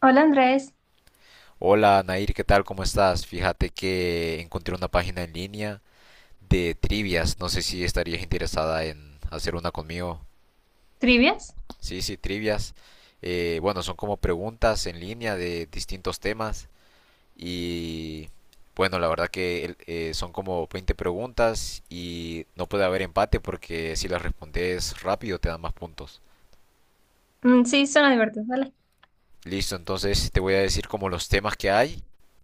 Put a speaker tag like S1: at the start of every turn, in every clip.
S1: Hola Andrés,
S2: Hola Nair, ¿qué tal? ¿Cómo estás? Fíjate que encontré una página en línea de trivias. No sé si estarías interesada en hacer una conmigo.
S1: ¿trivias?
S2: Sí, sí, trivias. Bueno, son como preguntas en línea de distintos temas. Y bueno, la verdad que son como 20 preguntas y no puede haber empate porque si las respondes rápido te dan más puntos.
S1: Mm, sí, suena divertido, vale.
S2: Listo, entonces te voy a decir como los temas que hay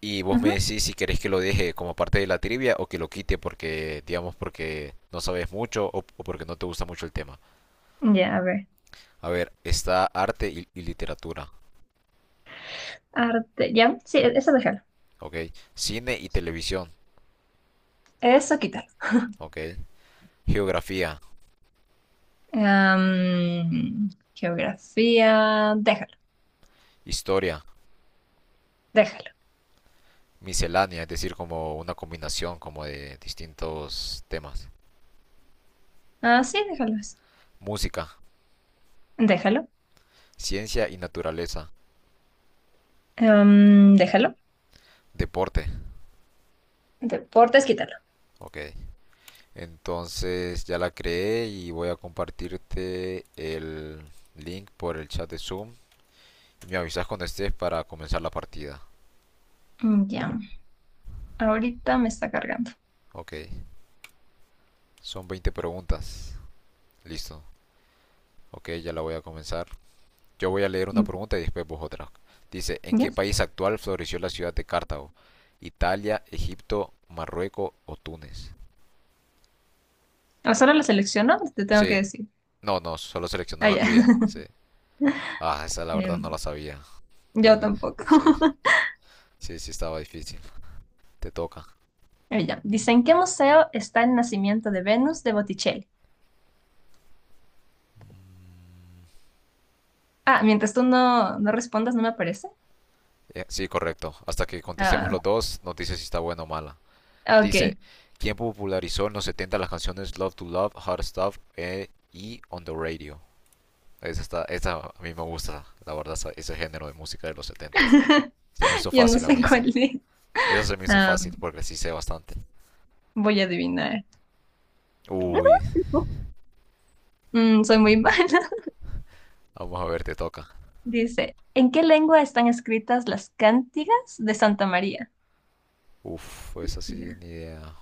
S2: y vos
S1: Ujú.
S2: me decís si querés que lo deje como parte de la trivia o que lo quite porque, digamos, porque no sabes mucho o porque no te gusta mucho el tema.
S1: Ya, a ver.
S2: A ver, está arte y literatura,
S1: Arte, ya, sí, eso déjalo.
S2: ¿ok? Cine y televisión,
S1: Eso quítalo.
S2: ¿ok? Geografía,
S1: Geografía, déjalo,
S2: historia,
S1: déjalo.
S2: miscelánea, es decir, como una combinación como de distintos temas.
S1: Ah, sí, déjalo eso.
S2: Música,
S1: Déjalo.
S2: ciencia y naturaleza,
S1: Déjalo.
S2: deporte,
S1: Deportes, quítalo.
S2: ¿ok? Entonces ya la creé y voy a compartirte el link por el chat de Zoom. Me avisas cuando estés para comenzar la partida.
S1: Mm, ya, ahorita me está cargando.
S2: Ok, son 20 preguntas. Listo. Ok, ya la voy a comenzar. Yo voy a leer una
S1: Mm,
S2: pregunta y después vos otra. Dice, ¿en
S1: ya.
S2: qué país actual floreció la ciudad de Cartago? Italia, Egipto, Marruecos o Túnez.
S1: Ah, solo lo selecciono, te tengo que
S2: Sí,
S1: decir.
S2: no, no, solo selecciona
S1: Ah,
S2: la
S1: ya.
S2: tuya. Sí. Ah, esa la verdad no
S1: Em,
S2: la sabía.
S1: yo
S2: Túnez.
S1: tampoco.
S2: Sí, sí, sí estaba difícil. Te toca.
S1: Ah, ya. Dicen, ¿en qué museo está el nacimiento de Venus de Botticelli? Ah, mientras tú no respondas, no me aparece.
S2: Sí, correcto. Hasta que contestemos
S1: Ah,
S2: los dos, nos dice si está buena o mala.
S1: ok.
S2: Dice, ¿quién popularizó en los 70 las canciones Love to Love, Hard Stuff, y On the Radio? Esa a mí me gusta, la verdad, ese género de música de los 70. Se me hizo
S1: Yo no
S2: fácil a
S1: sé
S2: mí esa.
S1: cuál es.
S2: Esa se me hizo
S1: Ah,
S2: fácil porque sí sé bastante.
S1: voy a adivinar.
S2: Uy,
S1: Mm, soy muy mala.
S2: vamos a ver, te toca.
S1: Dice, ¿en qué lengua están escritas las cántigas de Santa María?
S2: Uf, esa sí,
S1: Diga.
S2: ni idea.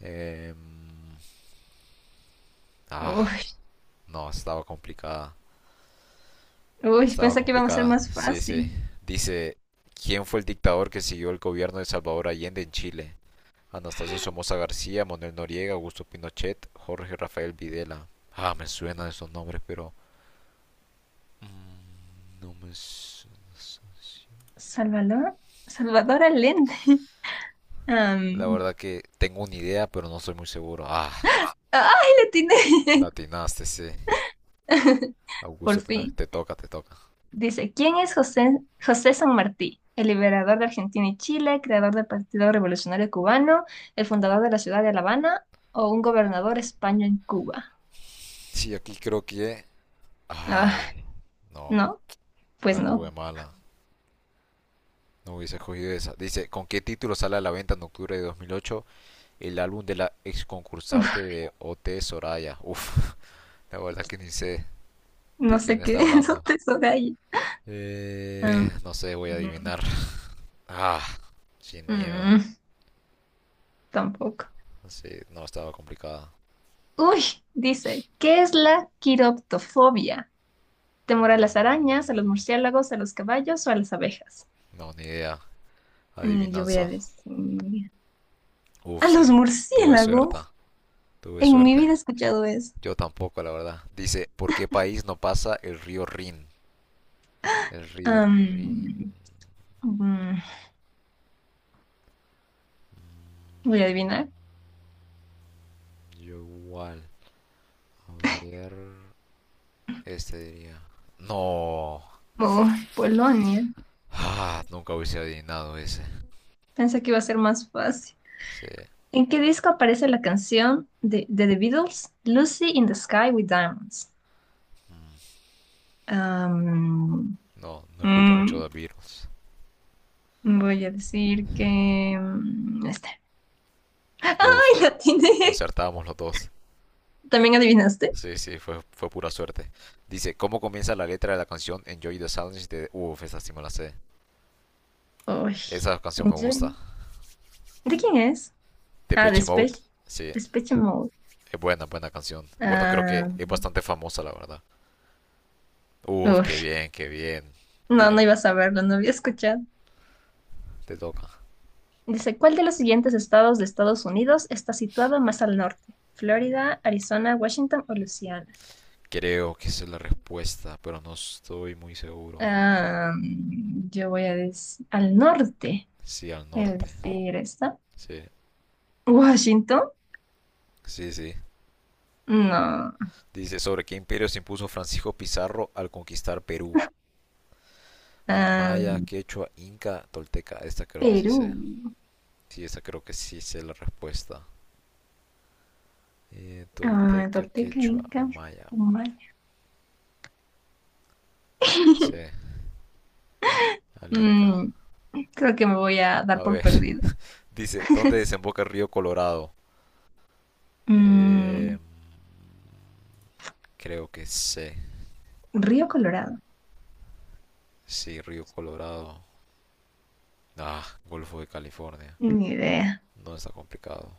S2: Em, ah,
S1: Uy,
S2: no, estaba complicada.
S1: uy,
S2: Estaba
S1: pensé que iba a ser
S2: complicada.
S1: más
S2: Sí, sí.
S1: fácil.
S2: Dice, ¿quién fue el dictador que siguió el gobierno de Salvador Allende en Chile? Anastasio Somoza García, Manuel Noriega, Augusto Pinochet, Jorge Rafael Videla. Ah, me suenan esos nombres, pero no me su-.
S1: Salvador, Salvador Allende.
S2: La
S1: Am,
S2: verdad que tengo una idea, pero no soy muy seguro. Ah,
S1: ¡Ay, le tiene!
S2: latinaste, sí.
S1: Por
S2: Augusto Pinochet,
S1: fin.
S2: te toca, te toca.
S1: Dice, ¿quién es José San Martí? ¿El liberador de Argentina y Chile, creador del Partido Revolucionario Cubano, el fundador de la ciudad de La Habana o un gobernador español en Cuba?
S2: Sí, aquí creo que.
S1: Ah,
S2: Ay, no,
S1: no, pues
S2: la
S1: no.
S2: tuve mala. No hubiese cogido esa. Dice, ¿con qué título sale a la venta en octubre de 2008 el álbum de la ex concursante de OT Soraya? Uf, la verdad que ni sé de
S1: No
S2: quién
S1: sé qué
S2: está
S1: es,
S2: hablando.
S1: te de ahí. Mm,
S2: No sé, voy a adivinar. Ah, sin miedo.
S1: mm, tampoco.
S2: Sí, no, estaba complicada.
S1: Uy, dice, ¿qué es la quiroptofobia? ¿Temor a las arañas, a los murciélagos, a los caballos o a las abejas?
S2: No, ni idea.
S1: Yo voy a
S2: Adivinanza.
S1: decir,
S2: Uf,
S1: a
S2: sí.
S1: los
S2: Tuve
S1: murciélagos.
S2: suerte. Tuve
S1: En mi
S2: suerte.
S1: vida he escuchado eso.
S2: Yo tampoco, la verdad. Dice, ¿por qué país no pasa el río Rin? El río Rin.
S1: Am, mm, voy a adivinar.
S2: Yo igual. A ver. Este diría. No.
S1: Oh, Polonia.
S2: Ah, nunca hubiese adivinado ese.
S1: Pensé que iba a ser más fácil.
S2: Sí.
S1: ¿En qué disco aparece la canción de The Beatles, Lucy in the Sky with Diamonds? Am,
S2: No, no escucho mucho
S1: mm,
S2: de Beatles.
S1: voy a decir que... este.
S2: Uf,
S1: ¡Ay, la tiene!
S2: acertábamos los dos.
S1: ¿También adivinaste?
S2: Sí, sí, fue pura suerte. Dice, ¿cómo comienza la letra de la canción Enjoy the Silence de. Uf, esa sí me la sé.
S1: Uy.
S2: Esa canción me gusta.
S1: Enjoy. ¿De quién es? Ah, de
S2: Depeche
S1: Spech.
S2: Mode, sí,
S1: Depeche Mode.
S2: es buena, buena canción. Bueno, creo que
S1: Ah,
S2: es bastante famosa, la verdad. Uf,
S1: uy,
S2: qué bien, qué bien.
S1: no
S2: Bien,
S1: iba a saberlo, no había escuchado.
S2: te toca.
S1: Dice, ¿cuál de los siguientes estados de Estados Unidos está situado más al norte? ¿Florida, Arizona, Washington o Luisiana?
S2: Creo que esa es la respuesta, pero no estoy muy seguro.
S1: Ah, yo voy a decir al norte.
S2: Sí, al
S1: Voy a
S2: norte.
S1: decir esta.
S2: Sí,
S1: Washington.
S2: sí, sí.
S1: No.
S2: Dice, ¿sobre qué imperio se impuso Francisco Pizarro al conquistar Perú? Al
S1: Ah,
S2: maya, quechua, inca, tolteca. Esta creo que sí
S1: Perú.
S2: sé. Sí, esta creo que sí sé la respuesta.
S1: Ah,
S2: Tolteca,
S1: Tolteca,
S2: quechua o
S1: Inca,
S2: maya.
S1: Humala.
S2: Sí, al inca.
S1: Mm, creo que me voy a
S2: A
S1: dar por
S2: ver,
S1: perdida.
S2: dice, ¿dónde desemboca el río Colorado? Eh,
S1: Mm,
S2: creo que sé.
S1: Río Colorado.
S2: Sí, río Colorado. Ah, Golfo de California.
S1: Ni idea.
S2: No está complicado.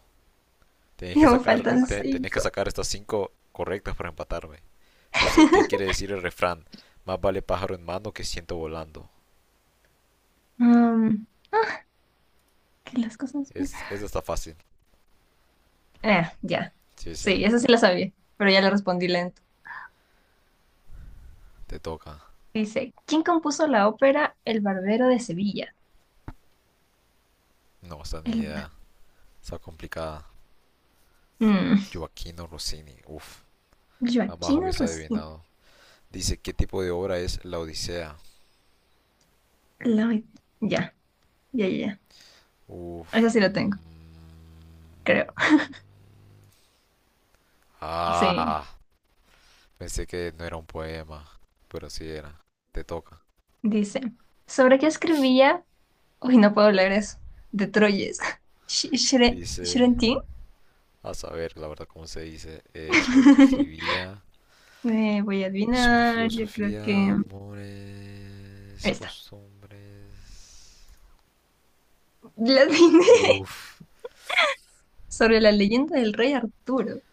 S2: Tenéis que
S1: Ya me
S2: sacar,
S1: faltan
S2: tenéis que
S1: cinco.
S2: sacar estas cinco correctas para empatarme. Dice, ¿qué quiere decir el refrán? Más vale pájaro en mano que ciento volando.
S1: Mm, que las cosas...
S2: Esa está fácil.
S1: Ah, ya.
S2: Sí, sí,
S1: Sí, eso sí la sabía, pero ya le respondí lento.
S2: te toca.
S1: Dice, ¿quién compuso la ópera El Barbero de Sevilla?
S2: No, esta ni
S1: El... Bar-
S2: idea. Está complicada.
S1: Mm,
S2: Joaquino Rossini. Uf, jamás
S1: Joaquín
S2: hubiese
S1: Rosina.
S2: adivinado. Dice, ¿qué tipo de obra es La Odisea?
S1: La- Ya, ya, ya, ya. Esa
S2: Uf.
S1: sí
S2: Mm.
S1: la tengo, creo. Sí.
S2: Ah, pensé que no era un poema, pero sí era. Te toca.
S1: Dice, ¿sobre qué escribía? Uy, no puedo leer eso. De Troyes.
S2: Dice,
S1: Shrentin.
S2: a saber, la verdad, cómo se dice, sobre qué escribía,
S1: Voy a
S2: sobre
S1: adivinar, yo creo
S2: filosofía,
S1: que...
S2: amores,
S1: Esta.
S2: costumbres.
S1: La adiviné.
S2: Uff.
S1: Sobre la leyenda del rey Arturo.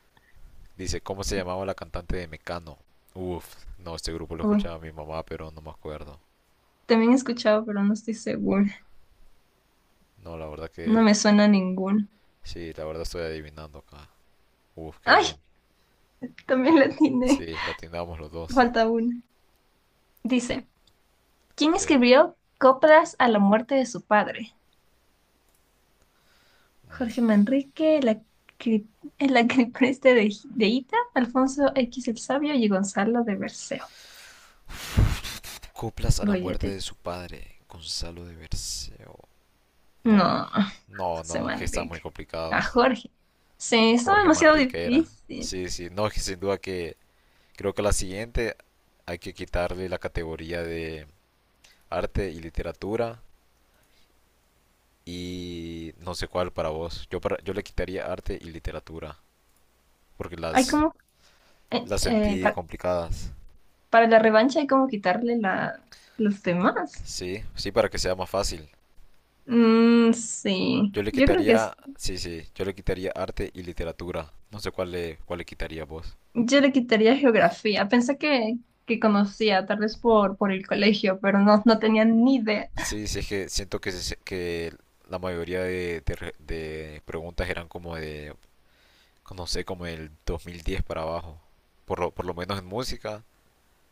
S2: Dice, ¿cómo se llamaba la cantante de Mecano? Uff, no, este grupo lo
S1: Uy,
S2: escuchaba mi mamá, pero no me acuerdo.
S1: también he escuchado, pero no estoy segura.
S2: No, la verdad
S1: No
S2: que
S1: me suena ninguno.
S2: sí, la verdad estoy adivinando acá. Uf, qué
S1: ¡Ay!
S2: bien.
S1: También la atiné.
S2: Sí, la atendamos los dos.
S1: Falta una.
S2: Te-
S1: Dice, ¿quién
S2: Sí.
S1: escribió Coplas a la muerte de su padre? ¿Jorge Manrique, cri- el acripreste de Ita, Alfonso X el Sabio y Gonzalo de Berceo?
S2: Coplas a la
S1: Voy a
S2: muerte de
S1: decir.
S2: su padre, Gonzalo de Berceo. No,
S1: No,
S2: no,
S1: José
S2: no, es que están muy
S1: Manrique. A
S2: complicados.
S1: Jorge. Sí, está
S2: Jorge
S1: demasiado
S2: Manrique era.
S1: difícil.
S2: Sí, sí, no, que sin duda que creo que la siguiente hay que quitarle la categoría de arte y literatura y no sé cuál para vos. Yo le quitaría arte y literatura porque
S1: Hay
S2: las
S1: como... eh,
S2: las
S1: eh,
S2: sentí
S1: pa-
S2: complicadas.
S1: para la revancha hay como quitarle los demás.
S2: Sí, sí para que sea más fácil.
S1: Mm, sí,
S2: Yo le quitaría, sí, sí, yo le quitaría arte y literatura. No sé cuál le quitaría vos.
S1: yo le quitaría geografía. Pensé que conocía, tal vez por el colegio, pero no tenía ni idea.
S2: Sí, sí es que siento que que la mayoría de preguntas eran como de no sé, como el 2010 para abajo. Por lo menos en música.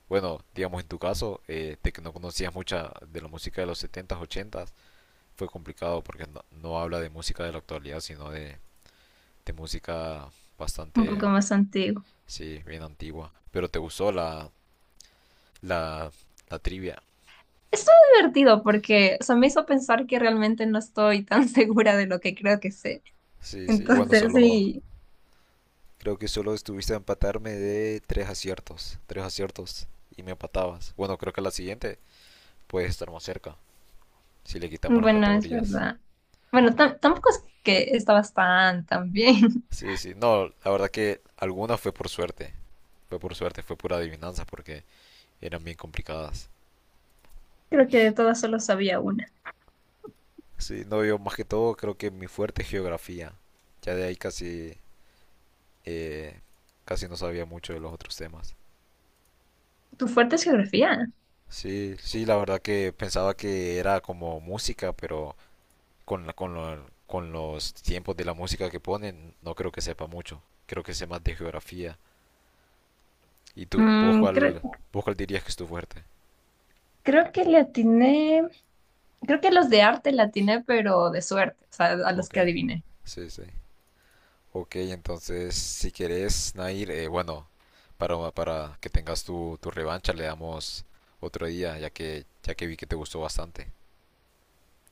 S2: Bueno, digamos en tu caso, de que no conocías mucha de la música de los setentas ochentas fue complicado porque no habla de música de la actualidad, sino de música
S1: Un
S2: bastante,
S1: poco más antiguo.
S2: sí, bien antigua. Pero te gustó la, la trivia.
S1: Estuvo divertido porque, o sea, me hizo pensar que realmente no estoy tan segura de lo que creo que sé.
S2: Sí, sí, bueno,
S1: Entonces,
S2: solo,
S1: sí,
S2: creo que solo estuviste a empatarme de tres aciertos y me empatabas. Bueno, creo que la siguiente puedes estar más cerca si le quitamos las
S1: bueno, es
S2: categorías.
S1: verdad. Bueno, tampoco es que estabas tan, tan bien.
S2: Sí, sí, no, la verdad que alguna fue por suerte, fue por suerte, fue pura adivinanza porque eran bien complicadas.
S1: Creo que de todas solo sabía una.
S2: Sí, no, yo más que todo creo que mi fuerte es geografía, ya de ahí casi, eh, casi no sabía mucho de los otros temas.
S1: ¿Tu fuerte es geografía?
S2: Sí, sí, la verdad que pensaba que era como música, pero con los tiempos de la música que ponen, no creo que sepa mucho, creo que sé más de geografía. ¿Y vos
S1: Mm, creo,
S2: cuál, vos cuál dirías que es tu fuerte?
S1: creo que le atiné. Creo que los de arte la atiné, pero de suerte, o sea, a los
S2: Ok,
S1: que adiviné.
S2: sí, sí. Ok, entonces si querés, Nair, bueno, para que tengas tu revancha le damos otro día, ya que vi que te gustó bastante.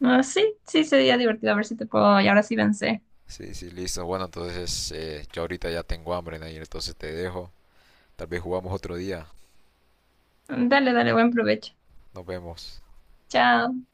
S1: Ah, sí, sí, sería divertido. A ver si te puedo. Y ahora sí vencé.
S2: Sí, sí, listo. Bueno, entonces yo ahorita ya tengo hambre, Nair, entonces te dejo. Tal vez jugamos otro día.
S1: Dale, dale, buen provecho.
S2: Nos vemos.
S1: Chao.